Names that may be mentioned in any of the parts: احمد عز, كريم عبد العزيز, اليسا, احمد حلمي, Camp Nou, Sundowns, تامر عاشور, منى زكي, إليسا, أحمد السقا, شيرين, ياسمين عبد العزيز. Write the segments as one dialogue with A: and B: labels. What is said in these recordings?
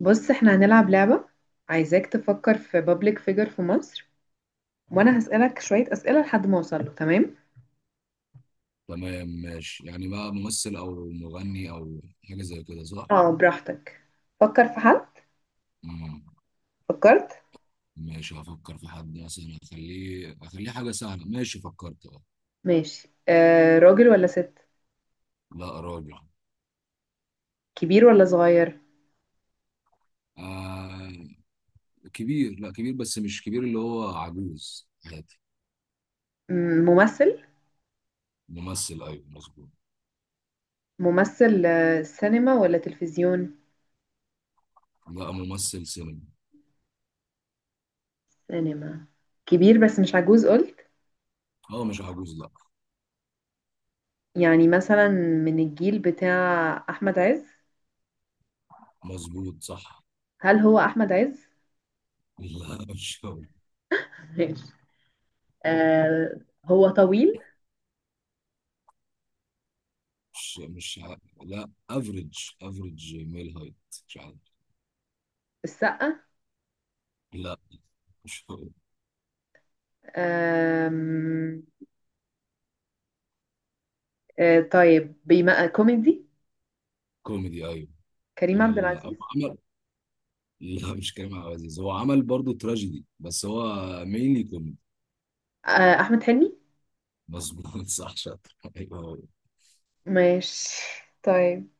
A: بص احنا هنلعب لعبة. عايزاك تفكر في بابليك فيجر في مصر، وانا هسألك شوية اسئلة لحد ما اوصل له. تمام
B: تمام ماشي، يعني بقى ممثل او مغني او حاجه زي كده صح؟
A: اه براحتك، فكر في حد.
B: مم.
A: فكرت؟
B: ماشي هفكر في حد، مثلا اخليه حاجه سهله. ماشي، فكرت، اه.
A: ماشي آه، راجل ولا ست؟
B: لا راجل.
A: كبير ولا صغير؟
B: آه كبير، لا كبير بس مش كبير اللي هو عجوز، عادي.
A: ممثل؟
B: ممثل، ايوه مظبوط.
A: ممثل آه، سينما ولا تلفزيون؟
B: لا، ممثل سينما.
A: سينما. كبير بس مش عجوز قلت.
B: اه مش عجوز، لا.
A: يعني مثلا من الجيل بتاع احمد عز؟
B: مظبوط صح.
A: هل هو احمد عز؟
B: لا مش هو.
A: ماشي آه، هو طويل؟
B: مش مش ع- لا افريج. افريج ميل هايت. مش عارف.
A: السقا؟
B: لا مش هو.
A: آم، آه طيب بما كوميدي،
B: كوميدي ايوه.
A: كريم عبد
B: عمل
A: العزيز؟
B: عمل لا مش كريم عبد العزيز، هو عمل برضه تراجيدي بس هو مينلي كوميدي.
A: آه احمد حلمي.
B: مظبوط صح، شاطر ايوه هو.
A: ماشي طيب،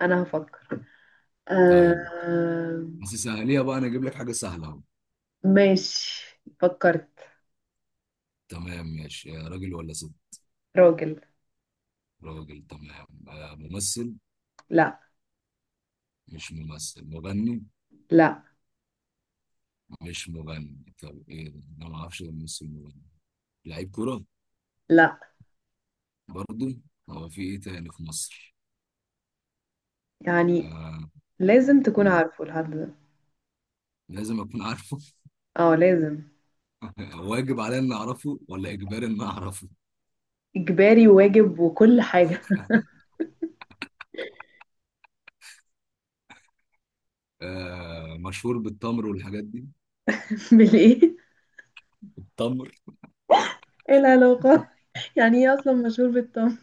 A: انا هفكر
B: طيب،
A: آه.
B: بس سهليها بقى، انا اجيب لك حاجه سهله اهو.
A: ماشي فكرت.
B: تمام ماشي، راجل ولا ست؟
A: راجل.
B: راجل، تمام. ممثل.
A: لا
B: مش ممثل، مغني.
A: لا
B: مش مغني؟ طب ايه ده؟ انا ما اعرفش غير ممثل مغني. لعيب كوره؟
A: لا
B: برضه. هو في ايه تاني في مصر؟
A: يعني
B: آه.
A: لازم تكون
B: مم.
A: عارفه الحد ده،
B: لازم اكون عارفه؟
A: اه لازم.
B: واجب عليا اني اعرفه ولا اجباري اني اعرفه؟
A: اجباري وواجب وكل حاجة.
B: آه، مشهور بالتمر والحاجات دي.
A: بالايه؟
B: التمر.
A: ايه العلاقة؟ يعني ايه اصلا مشهور بالطم.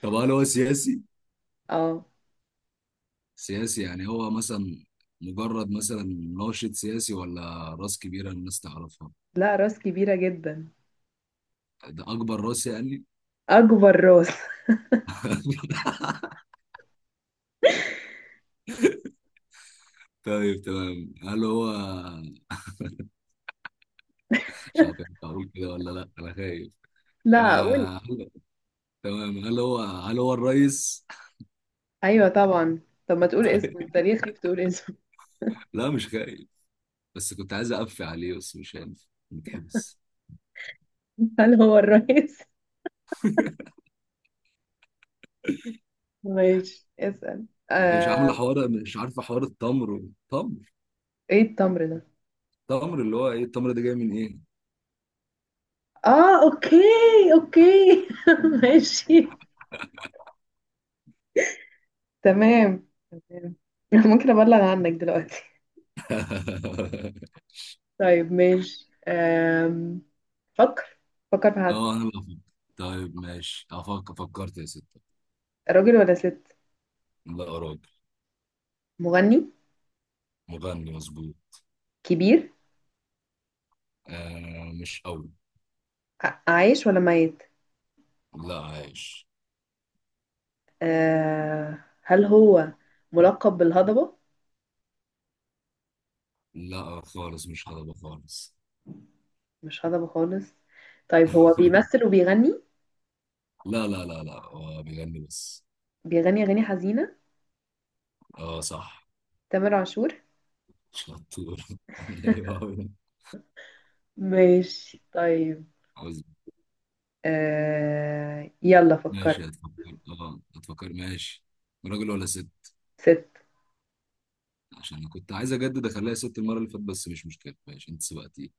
B: طب هل هو سياسي؟
A: اه.
B: سياسي، يعني هو مثلا مجرد مثلا ناشط سياسي، ولا راس كبيرة الناس تعرفها؟
A: لا راس كبيرة جدا.
B: ده أكبر راس يعني؟
A: اكبر راس
B: طيب تمام. هل هو مش عارف أنت، أقول كده ولا لأ، أنا خايف.
A: لا قول.
B: آه... هل- تمام، هل هو الرئيس؟
A: ايوه طبعا، طب ما تقول اسمه؟
B: طيب.
A: انت ليه خايف تقول اسمه؟
B: لا مش خايف، بس كنت عايز أقفي عليه بس مش عارف، متحبس.
A: هل هو الرئيس؟ ماشي اسأل
B: أنت مش عاملة
A: آه...
B: حوار، مش عارفة حوار التمر. تمر.
A: ايه التمر ده؟
B: تمر اللي هو إيه التمر ده جاي من إيه؟
A: اه اوكي، اوكي ماشي، تمام تمام. ممكن ابلغ عنك دلوقتي؟ طيب ماشي فكر، فكر في حد.
B: اه، انا اللي افكر؟ طيب ماشي افكر. فكرت يا ستة.
A: راجل ولا ست؟
B: لا راجل.
A: مغني؟
B: مغني، مظبوط.
A: كبير؟
B: آه مش قوي.
A: عايش ولا ميت؟
B: لا عايش.
A: هل هو ملقب بالهضبة؟
B: لا خالص، مش هضبة خالص.
A: مش هضبة خالص؟ طيب هو بيمثل وبيغني؟
B: لا لا لا لا، هو بيغني بس.
A: بيغني أغاني حزينة؟
B: اه صح.
A: تامر عاشور؟
B: شطور. ايوه أوي.
A: ماشي طيب
B: عاوز.
A: يلا فكرت.
B: ماشي هتفكر. اه هتفكر، ماشي. راجل ولا ست؟
A: ست.
B: عشان انا كنت عايز اجدد اخليها ست، المرة اللي فاتت بس مش مشكلة، ماشي انت سبقتي.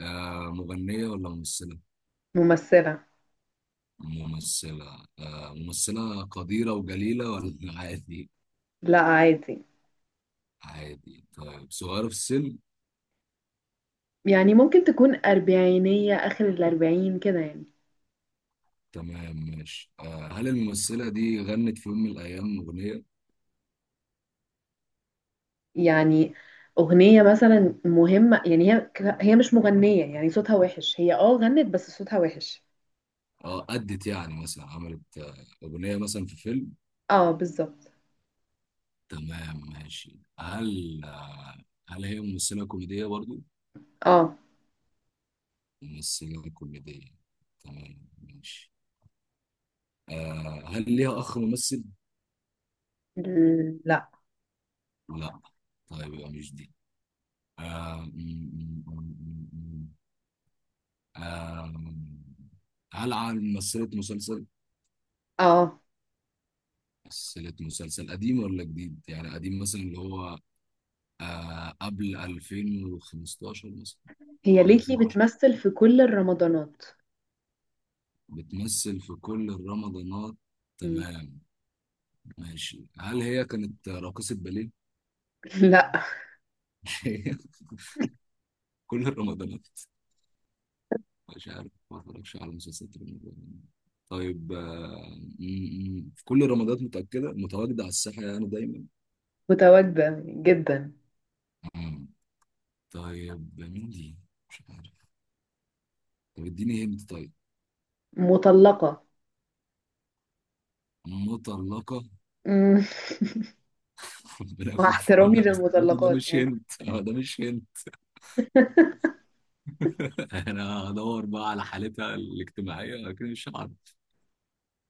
B: مغنية ولا ممثلة؟
A: ممثلة.
B: ممثلة، ممثلة قديرة وجليلة ولا عادي؟
A: لا عادي.
B: عادي، طيب. صغيرة في السن؟
A: يعني ممكن تكون أربعينية، آخر الأربعين كده يعني.
B: تمام ماشي، هل الممثلة دي غنت في يوم من الأيام أغنية؟
A: يعني أغنية مثلا مهمة؟ يعني هي، هي مش مغنية، يعني صوتها وحش، هي اه غنت بس صوتها وحش.
B: اه أدت، يعني مثلا عملت أغنية مثلا في فيلم؟
A: اه بالظبط.
B: تمام ماشي. هل هل هي ممثلة كوميدية برضو؟
A: اه.
B: ممثلة كوميدية، تمام ماشي. هل ليها أخ ممثل؟
A: لا.
B: لا. طيب يبقى مش دي. آه آم، هل على ممثلة مسلسل؟
A: اه
B: ممثلة مسلسل قديم ولا جديد؟ يعني قديم مثلا اللي هو قبل 2015 مثلا، أو
A: هي
B: قبل
A: ليتلي
B: 2010.
A: بتمثل في كل الرمضانات.
B: بتمثل في كل الرمضانات،
A: مم.
B: تمام ماشي. هل هي كانت راقصة باليه؟
A: لا.
B: كل الرمضانات؟ مش عارف، ما اتفرجش على مسلسلات رمضان. طيب في كل الرمضانات، متأكدة متواجدة على الساحة يعني دايما؟
A: متواجدة جدا.
B: آه. طيب مين دي؟ مش عارف. طب اديني هنت، طيب.
A: مطلقة.
B: مطلقة.
A: مم.
B: ربنا
A: مع
B: يكون في
A: احترامي
B: عونها، بس برضه ده
A: للمطلقات
B: مش
A: يعني.
B: هنت، لا ده مش هنت. انا هدور بقى على حالتها الاجتماعية، لكن مش عارف.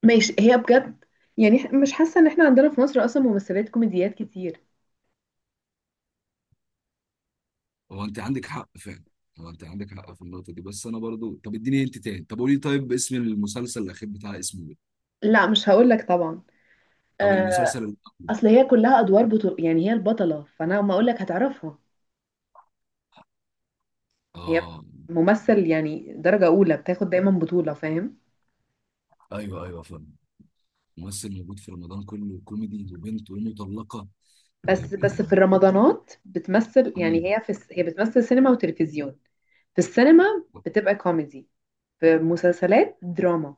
A: ماشي. هي بجد يعني مش حاسة ان احنا عندنا في مصر اصلا ممثلات كوميديات كتير.
B: هو انت عندك حق فعلا. هو انت عندك حق في النقطة دي بس انا برضو، طب اديني هنت تاني. طب قولي طيب، اسم المسلسل الأخير بتاع، اسمه ايه؟
A: لا مش هقول لك طبعا.
B: طب المسلسل
A: آه،
B: الأول.
A: اصل هي كلها ادوار بطل، يعني هي البطلة، فانا ما اقول لك هتعرفها. هي
B: اه
A: ممثل يعني درجة اولى، بتاخد دايما بطولة، فاهم؟
B: ايوه ايوه فاهم. ممثل موجود في رمضان كله، كوميدي وبنت ومطلقة.
A: بس
B: طيب
A: بس في
B: ايه؟
A: الرمضانات بتمثل، يعني
B: مم.
A: هي بتمثل سينما وتلفزيون. في السينما بتبقى كوميدي، في مسلسلات دراما،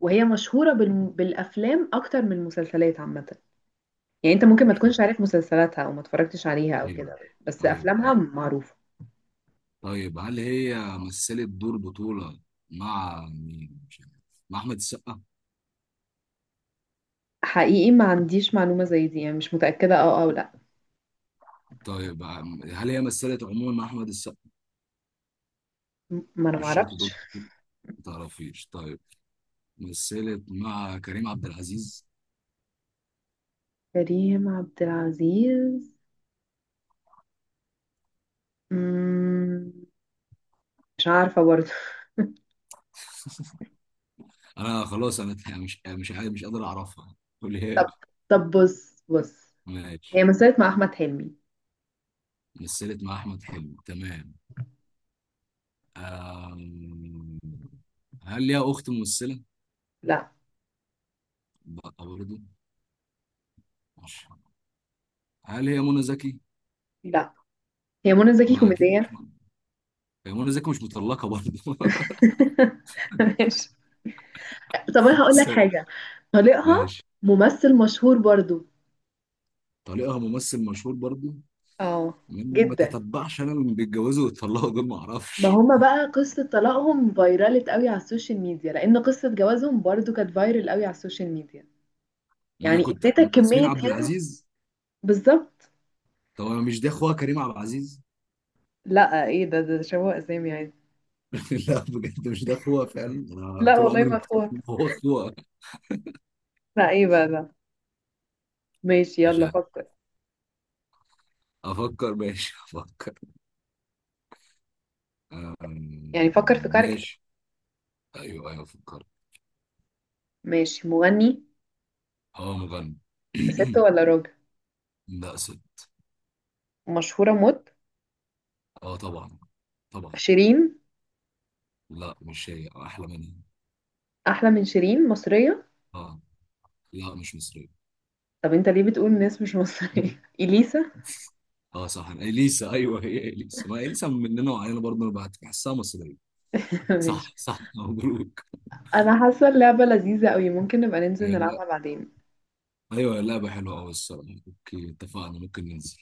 A: وهي مشهورة بالافلام اكتر من المسلسلات عامة. يعني انت ممكن ما
B: مشهور.
A: تكونش عارف مسلسلاتها او ما اتفرجتش عليها او
B: ايوه
A: كده، بس
B: ايوه
A: افلامها
B: أيوه.
A: معروفة.
B: طيب هل هي مثلت دور بطولة مع مين؟ مش عارف. مع أحمد السقا؟
A: حقيقي ما عنديش معلومة زي دي، يعني مش متأكدة اه او لا.
B: طيب هل هي مثلت عموما مع أحمد السقا،
A: ما انا ما
B: مش شرط دور
A: اعرفش.
B: بطولة؟ ما تعرفيش، طيب. مثلت مع كريم عبد العزيز؟
A: كريم عبد العزيز مم، مش عارفة برضه.
B: أنا خلاص، أنا مش عارف، مش قادر أعرفها. قوليها
A: طب
B: لي.
A: بص.
B: ماشي.
A: هي مثلت مع احمد حلمي.
B: مثلت مع أحمد حلمي، تمام. أم... هل ليها أخت ممثلة؟
A: لا.
B: لا، برضه مش. هل هي منى زكي؟
A: لا هي منى زكي
B: ما أكيد مش
A: كوميدية.
B: منى. هي منى زكي مش مطلقة برضه.
A: ماشي، طب انا هقول لك حاجة. طليقها
B: ماشي.
A: ممثل مشهور برضو.
B: طليقها ممثل مشهور برضو.
A: اه
B: ما
A: جدا،
B: تتبعش، انا اللي بيتجوزوا ويتطلقوا دول ما
A: ما
B: اعرفش.
A: هما بقى قصة طلاقهم فايرالت قوي على السوشيال ميديا، لأن قصة جوازهم برضو كانت فايرال قوي على السوشيال ميديا.
B: ما انا
A: يعني
B: كنت
A: اديتك
B: ياسمين
A: كمية
B: عبد
A: هند.
B: العزيز.
A: بالظبط.
B: طب انا، مش ده اخوها كريم عبد العزيز؟
A: لا ايه ده، ده شبه اسامي عادي.
B: لا بجد، مش ده اخوها فعلا، انا
A: لا
B: طول
A: والله
B: عمري ما
A: ما
B: كنت عارف
A: فوت.
B: إن هو اخوها.
A: لا ايه بقى ده. ماشي
B: مش
A: يلا
B: عارف.
A: فكر.
B: افكر، ماشي افكر.
A: يعني
B: أم،
A: فكر في كاركتر.
B: ماشي ايوه ايوه فكرت.
A: ماشي. مغني.
B: اه مغني.
A: ست ولا راجل؟
B: لا ست.
A: مشهورة موت؟
B: اه طبعا، طبعا.
A: شيرين؟
B: لا مش هي، احلى منها.
A: أحلى من شيرين، مصرية؟
B: اه. لا مش مصرية.
A: طب انت ليه بتقول ناس مش مصرية؟ إليسا.
B: اه صح، اليسا، ايوه هي اليسا، ما اليسا مننا وعلينا برضه، انا بعت بحسها مصريه.
A: ماشي.
B: صح صح مبروك.
A: أنا حاسة اللعبة لذيذة قوي، ممكن نبقى ننزل
B: يلا.
A: نلعبها بعدين.
B: ايوه اللعبه حلوه قوي الصراحه، اوكي اتفقنا، ممكن ننزل.